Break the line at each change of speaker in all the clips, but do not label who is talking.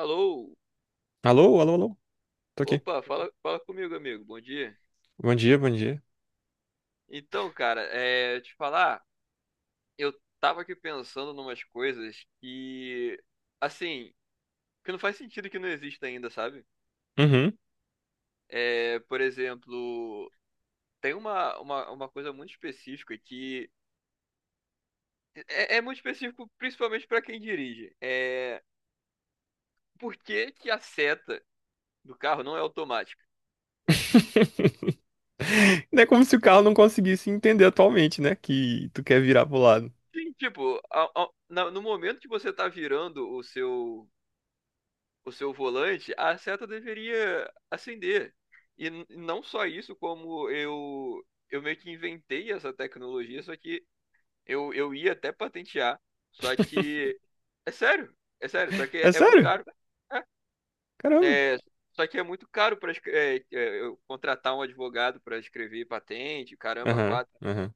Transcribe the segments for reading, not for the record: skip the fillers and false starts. Alô?
Alô, alô, alô. Tô aqui.
Opa, fala, fala comigo, amigo. Bom dia.
Bom dia, bom dia.
Então, cara, te falar, eu tava aqui pensando numas coisas que, assim, que não faz sentido que não exista ainda, sabe?
Uhum.
É, por exemplo, tem uma coisa muito específica que é muito específico principalmente pra quem dirige. É, por que que a seta do carro não é automática?
Não é como se o carro não conseguisse entender atualmente, né? Que tu quer virar pro lado.
Sim, tipo, no momento que você tá virando o seu volante, a seta deveria acender. E não só isso, como eu meio que inventei essa tecnologia, só que eu ia até patentear, só que é sério, só que é,
É
é muito
sério?
caro.
Caramba.
É, é, Só que é muito caro para eu contratar um advogado para escrever patente, caramba,
Aham,
quatro.
aham.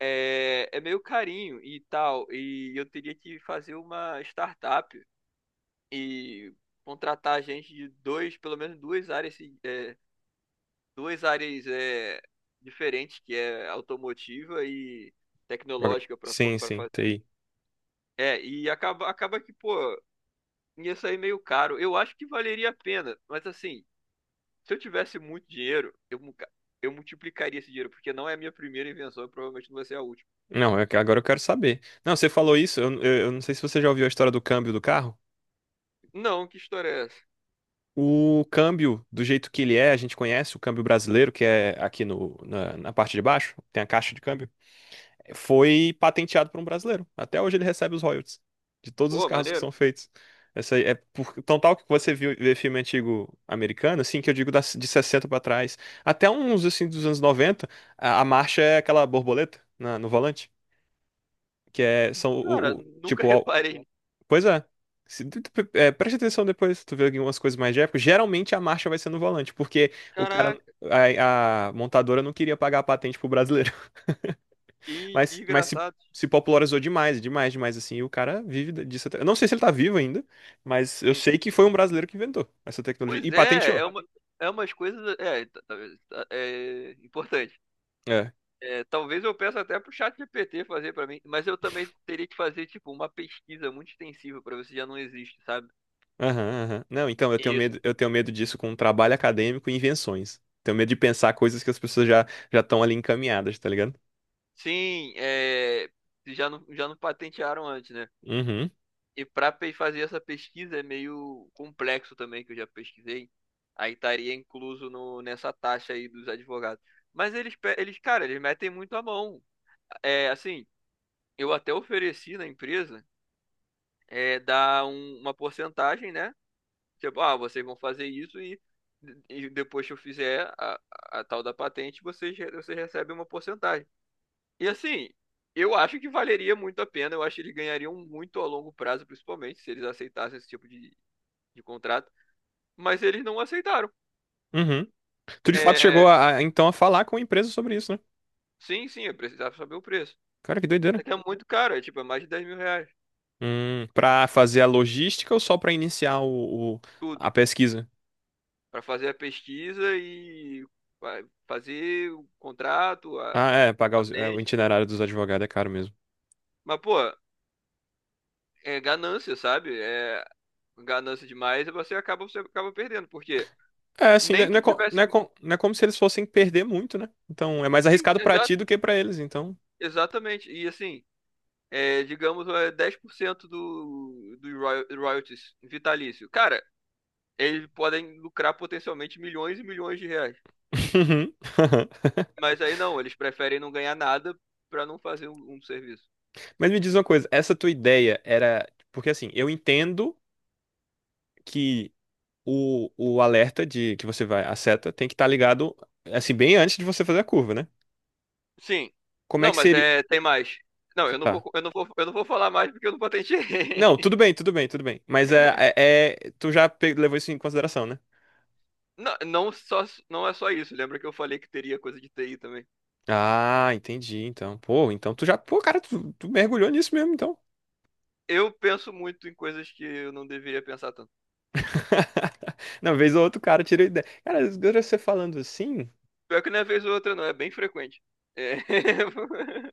É meio carinho e tal, e eu teria que fazer uma startup e contratar gente de dois, pelo menos duas áreas, duas áreas diferentes, que é automotiva e tecnológica para
Sim,
para
sim,
fazer.
TI.
É, e acaba que, pô, ia sair meio caro. Eu acho que valeria a pena, mas assim, se eu tivesse muito dinheiro, eu multiplicaria esse dinheiro, porque não é a minha primeira invenção, e provavelmente não vai ser a última.
Não, é que agora eu quero saber. Não, você falou isso, eu não sei se você já ouviu a história do câmbio do carro.
Não, que história é essa?
O câmbio, do jeito que ele é, a gente conhece o câmbio brasileiro, que é aqui no, na, na parte de baixo, tem a caixa de câmbio. Foi patenteado por um brasileiro. Até hoje ele recebe os royalties de todos os
Pô,
carros que
maneiro.
são feitos. Essa aí é por, tão tal que você viu vê filme antigo americano, assim, que eu digo de 60 para trás, até uns assim dos anos 90 a marcha é aquela borboleta no volante, que é são
Cara, nunca
tipo, ó,
reparei.
pois é. Se tu- tu- é, Preste atenção depois, tu vê algumas coisas mais de época. Geralmente a marcha vai ser no volante, porque o cara,
Caraca,
a montadora não queria pagar a patente pro brasileiro.
que
Mas se,
desgraçado.
se popularizou demais, demais, demais, assim. E o cara vive disso até. Eu não sei se ele tá vivo ainda, mas eu
Hum.
sei que foi um brasileiro que inventou essa tecnologia
Pois
e
é,
patenteou.
é umas coisas. É, é importante.
É.
É, talvez eu peça até pro chat GPT fazer pra mim, mas eu também teria que fazer tipo uma pesquisa muito extensiva pra ver se já não existe, sabe?
Aham, aham. Não, então
Isso.
eu tenho medo disso com trabalho acadêmico e invenções. Tenho medo de pensar coisas que as pessoas já estão ali encaminhadas, tá ligado?
Sim, se já não patentearam antes, né?
Uhum,
E pra fazer essa pesquisa é meio complexo também, que eu já pesquisei. Aí estaria incluso no, nessa taxa aí dos advogados. Mas eles, eles, cara, eles metem muito a mão. É, assim, eu até ofereci na empresa. É, dá uma porcentagem, né? Tipo, ah, vocês vão fazer isso e depois que eu fizer a tal da patente, vocês recebem uma porcentagem. E assim, eu acho que valeria muito a pena, eu acho que eles ganhariam muito a longo prazo, principalmente, se eles aceitassem esse tipo de contrato. Mas eles não aceitaram.
uhum. Tu de fato chegou
É,
então a falar com a empresa sobre isso, né?
sim, sim, eu precisava saber o preço.
Cara, que doideira.
É que é muito caro, é tipo, é mais de 10 mil reais,
Pra fazer a logística ou só pra iniciar a
tudo.
pesquisa?
Pra fazer a pesquisa e fazer o contrato, a
Ah, é, pagar o
patente.
itinerário dos advogados é caro mesmo.
Mas, pô, é ganância, sabe? É ganância demais e você acaba perdendo. Porque
É, assim, né,
nem
não
que
é,
eu
co- não
tivesse.
é co- não é como se eles fossem perder muito, né? Então, é mais
Sim,
arriscado pra ti
exato,
do que pra eles, então.
exatamente. E assim, digamos, é 10% do royalties vitalício. Cara, eles podem lucrar potencialmente milhões e milhões de reais.
Uhum.
Mas aí não, eles preferem não ganhar nada pra não fazer um serviço.
Mas me diz uma coisa, essa tua ideia era. Porque assim, eu entendo que o alerta de que você vai, a seta, tem que estar ligado, assim, bem antes de você fazer a curva, né?
Sim.
Como é
Não,
que
mas
seria.
é, tem mais. Não, eu não vou,
Tá.
eu não vou, eu não vou falar mais porque eu não patenteei.
Não, tudo bem, tudo bem, tudo bem. Mas tu já levou isso em consideração, né?
Não, não, só, não é só isso. Lembra que eu falei que teria coisa de TI também?
Ah, entendi, então. Pô, então tu já. Pô, cara, tu mergulhou nisso mesmo, então.
Eu penso muito em coisas que eu não deveria pensar tanto.
Não, vez ou outro cara tira ideia. Cara, agora você falando assim,
Pior que não é vez ou outra, não, é bem frequente. É.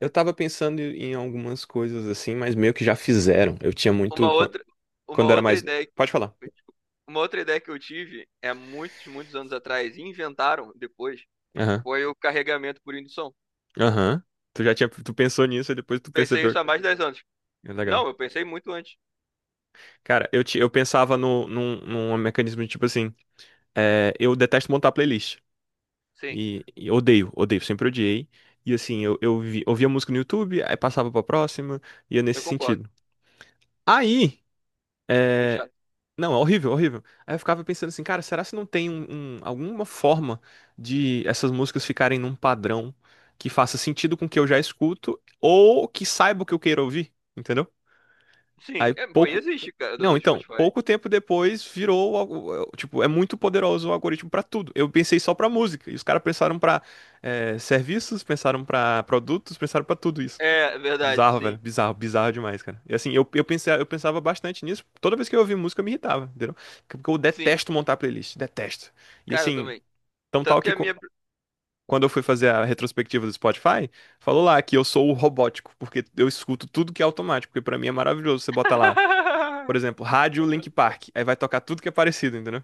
eu tava pensando em algumas coisas assim, mas meio que já fizeram. Eu tinha
Uma
muito.
outra, uma
Quando era
outra
mais.
ideia, que-
Pode falar.
uma outra ideia que eu tive é muitos, muitos anos atrás, e inventaram depois,
Aham.
foi o carregamento por indução.
Aham. Tu já tinha. Tu pensou nisso e depois tu
Pensei
percebeu.
isso há mais de 10 anos.
É legal.
Não, eu pensei muito antes.
Cara, eu pensava no, num, num mecanismo de tipo assim. Eu detesto montar playlist.
Sim,
E odeio, odeio, sempre odiei. E assim, ouvia música no YouTube, aí passava pra próxima, ia nesse
eu concordo.
sentido. Aí.
Muito
é,
chato.
Não, é horrível, horrível. Aí eu ficava pensando assim, cara, será se não tem alguma forma de essas músicas ficarem num padrão que faça sentido com o que eu já escuto ou que saiba o que eu queira ouvir, entendeu?
Sim,
Aí
é, pô, e
pouco.
existe, cara, do
Não,
do
então,
Spotify.
pouco tempo depois virou, tipo, é muito poderoso o algoritmo pra tudo. Eu pensei só pra música, e os caras pensaram pra serviços, pensaram pra produtos, pensaram pra tudo isso.
É, verdade,
Bizarro, velho.
sim.
Bizarro, bizarro demais, cara. E assim, pensei, eu pensava bastante nisso. Toda vez que eu ouvia música, eu me irritava, entendeu? Porque eu
Sim,
detesto montar playlist. Detesto. E
cara, eu
assim,
também.
tão tal
Tanto que
que
a minha.
quando eu fui fazer a retrospectiva do Spotify, falou lá que eu sou o robótico, porque eu escuto tudo que é automático, porque pra mim é maravilhoso. Você bota lá, por exemplo, rádio Link Park. Aí vai tocar tudo que é parecido, entendeu?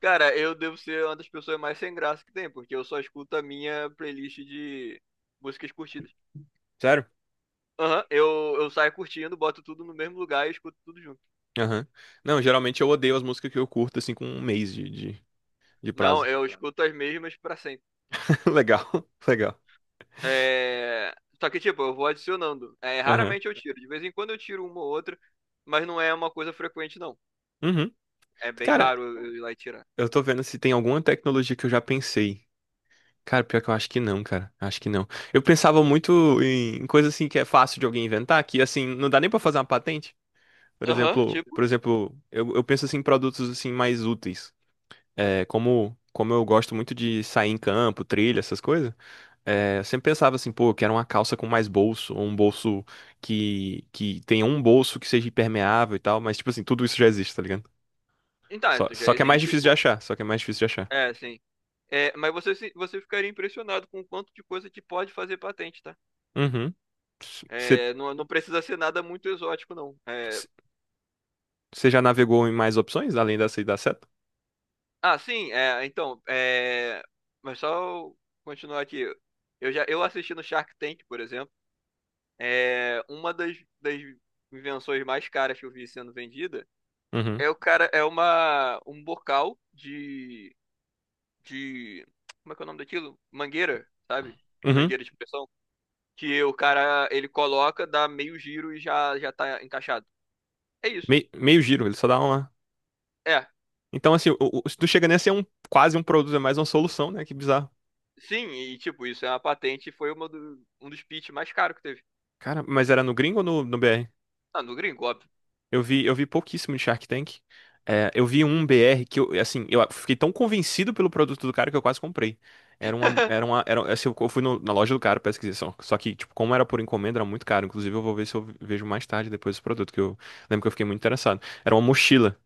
Cara, eu devo ser uma das pessoas mais sem graça que tem, porque eu só escuto a minha playlist de músicas curtidas.
Sério?
Aham, eu saio curtindo, boto tudo no mesmo lugar e escuto tudo junto.
Aham. Não, geralmente eu odeio as músicas que eu curto, assim, com um mês de, de
Não,
prazo.
eu escuto as mesmas pra sempre.
Legal, legal.
É... Só que, tipo, eu vou adicionando. É,
Aham.
raramente eu tiro. De vez em quando eu tiro uma ou outra, mas não é uma coisa frequente, não.
Uhum.
É bem
Cara,
raro eu ir lá e tirar.
eu tô vendo se tem alguma tecnologia que eu já pensei. Cara, pior que eu acho que não, cara. Acho que não. Eu pensava muito em coisa assim que é fácil de alguém inventar, que assim, não dá nem pra fazer uma patente.
Aham, tipo.
Por exemplo, eu penso assim em produtos assim mais úteis. É, como, como eu gosto muito de sair em campo, trilha, essas coisas, é, eu sempre pensava assim, pô, eu quero uma calça com mais bolso, ou um bolso que tenha um bolso que seja impermeável e tal, mas tipo assim, tudo isso já existe, tá ligado?
Então, é,
Só,
tu já
só que é mais
existe,
difícil de
pô.
achar, só que é mais difícil de achar.
É, sim. É, mas você, você ficaria impressionado com o quanto de coisa que pode fazer patente, tá?
Uhum.
É, não, não precisa ser nada muito exótico, não. É,
Você já navegou em mais opções além dessa e da seta?
ah, sim, é, então, é, mas só continuar aqui. Eu assisti no Shark Tank, por exemplo, uma das invenções mais caras que eu vi sendo vendida
Uhum.
é o cara, é uma, um bocal de, como é que é o nome daquilo? Mangueira, sabe?
Uhum.
Mangueira de pressão. Que o cara, ele coloca, dá meio giro e já, já tá encaixado. É isso.
Meio giro, ele só dá uma.
É.
Então, assim, se tu chega nesse é um, quase um produto, é mais uma solução, né? Que bizarro.
Sim, e tipo, isso é uma patente e foi um dos pitch mais caros que teve.
Cara, mas era no gringo ou no BR?
Ah, no gringo, óbvio.
Eu vi pouquíssimo de Shark Tank. É, eu vi um BR que eu, assim, eu fiquei tão convencido pelo produto do cara que eu quase comprei. Assim, eu fui na loja do cara pra pesquisar. Só que, tipo, como era por encomenda, era muito caro. Inclusive, eu vou ver se eu vejo mais tarde depois esse produto, que eu lembro que eu fiquei muito interessado. Era uma mochila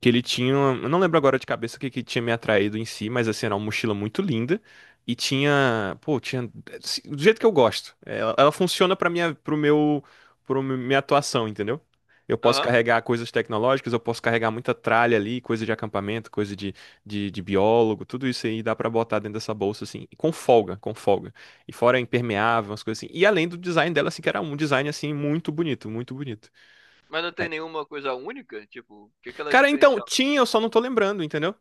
que ele tinha, eu não lembro agora de cabeça o que que tinha me atraído em si, mas assim, era uma mochila muito linda e tinha, pô, tinha assim, do jeito que eu gosto. É, ela funciona para minha, pro meu, pro mi- minha atuação, entendeu? Eu posso
Aham.
carregar coisas tecnológicas, eu posso carregar muita tralha ali, coisa de acampamento, coisa de, de biólogo, tudo isso aí dá pra botar dentro dessa bolsa, assim, e com folga, com folga. E fora impermeável, umas coisas assim. E além do design dela, assim, que era um design, assim, muito bonito, muito bonito.
Mas não tem
É.
nenhuma coisa única? Tipo, o que que ela é
Cara, então,
diferencial?
tinha, eu só não tô lembrando, entendeu?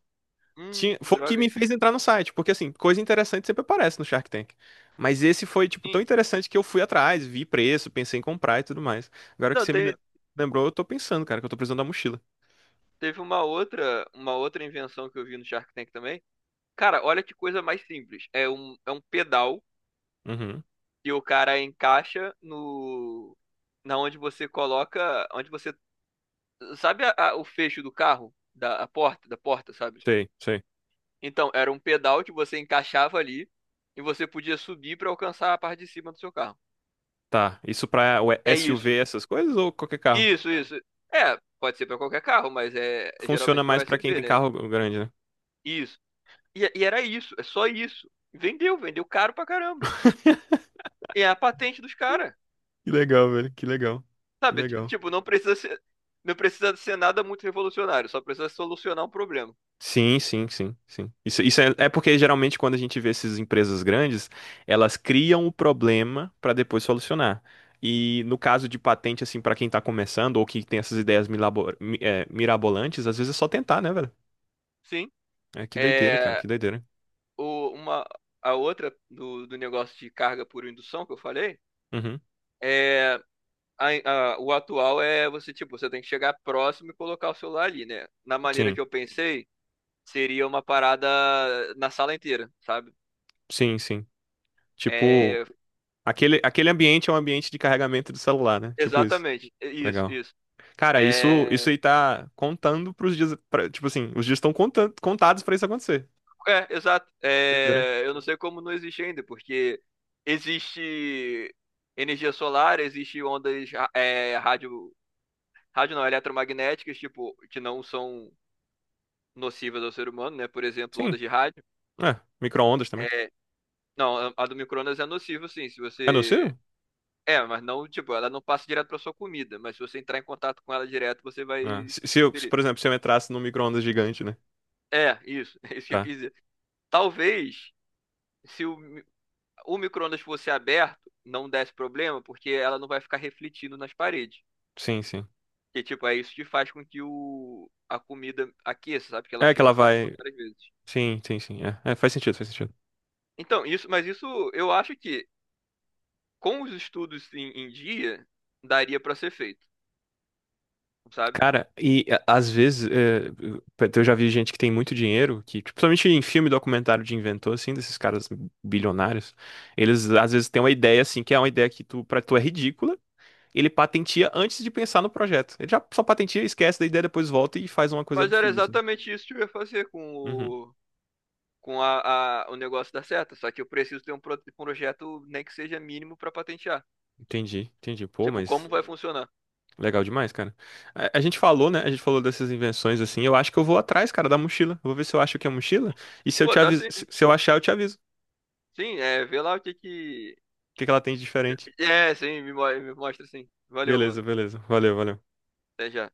Tinha,
Que
foi o que
droga,
me
hein?
fez entrar no site, porque assim, coisa interessante sempre aparece no Shark Tank. Mas esse foi, tipo, tão
Sim.
interessante que eu fui atrás, vi preço, pensei em comprar e tudo mais. Agora que
Não,
você me
teve
lembrou, eu tô pensando, cara, que eu tô precisando da mochila.
teve uma outra invenção que eu vi no Shark Tank também. Cara, olha que coisa mais simples. É um pedal
Uhum.
que o cara encaixa no, na onde você coloca, onde você sabe o fecho do carro? Da porta, sabe?
Sei, sei.
Então, era um pedal que você encaixava ali e você podia subir para alcançar a parte de cima do seu carro.
Tá. Isso pra o
É isso.
SUV, essas coisas, ou qualquer carro?
Isso, isso. É, pode ser para qualquer carro, mas é
Funciona
geralmente para
mais pra quem
USB,
tem
né?
carro grande, né?
Isso. E era isso, é só isso. Vendeu, vendeu caro pra caramba. E é a patente dos caras.
Que legal, velho. Que legal. Que
Sabe?
legal.
Tipo, não precisa ser, não precisa ser nada muito revolucionário, só precisa solucionar um problema.
Sim, sim, sim, sim. Isso é porque geralmente quando a gente vê essas empresas grandes, elas criam o problema para depois solucionar. E no caso de patente, assim, para quem tá começando ou que tem essas ideias mirabolantes, às vezes é só tentar, né, velho?
Sim.
É que doideira, cara,
É.
que doideira.
o, uma, a outra do negócio de carga por indução que eu falei
Uhum.
é. O atual é você, tipo, você tem que chegar próximo e colocar o celular ali, né? Na maneira
Sim,
que eu pensei, seria uma parada na sala inteira, sabe?
sim, sim.
É,
Tipo, aquele ambiente é um ambiente de carregamento do celular, né? Tipo isso.
exatamente, é isso,
Legal.
isso.
Cara, isso
É,
aí tá contando pros dias, tipo assim, os dias estão contados pra isso acontecer.
Exato.
Doideira.
É, eu não sei como não existe ainda, porque existe energia solar, existe ondas, é, rádio, rádio não, eletromagnéticas, tipo, que não são nocivas ao ser humano, né? Por exemplo,
Sim.
ondas de rádio.
É, micro-ondas também.
É, não, a do micro-ondas é nociva, sim. Se
É
você.
possível?
É, mas não, tipo, ela não passa direto pra sua comida, mas se você entrar em contato com ela direto, você vai
É. Se,
se
se eu, se,
ferir.
por exemplo, se eu entrasse num micro-ondas gigante, né?
É, isso, é isso que eu
Tá.
quis dizer. Talvez, se o micro-ondas fosse aberto, não desse problema, porque ela não vai ficar refletindo nas paredes.
Sim, sim.
Que, tipo, é isso que faz com que a comida aqueça, sabe? Que ela
É que
fica
ela
passando
vai.
várias vezes.
Sim, sim, sim. Faz sentido, faz sentido.
Então, isso, mas isso eu acho que com os estudos em dia, daria para ser feito, sabe?
Cara, e às vezes é, eu já vi gente que tem muito dinheiro, que, tipo, principalmente em filme documentário de inventor, assim, desses caras bilionários, eles às vezes têm uma ideia, assim, que é uma ideia que tu, pra tu é ridícula, ele patentia antes de pensar no projeto. Ele já só patentia, esquece da ideia, depois volta e faz uma coisa
Mas era
absurda, assim.
exatamente isso que eu ia fazer com
Uhum.
o, com a- o negócio da seta, só que eu preciso ter um projeto, nem que seja mínimo, para patentear.
Entendi, entendi. Pô,
Tipo, como
mas
vai funcionar?
Legal demais, cara. A gente falou, né? A gente falou dessas invenções assim. Eu acho que eu vou atrás, cara, da mochila. Eu vou ver se eu acho que é mochila. E se eu
Pô,
te
dá
aviso,
sim.
se eu achar, eu te aviso. O
Sim, é, vê lá o que que.
que que ela tem de diferente?
É, sim, me mostra sim. Valeu,
Beleza,
mano.
beleza. Valeu, valeu.
Até já.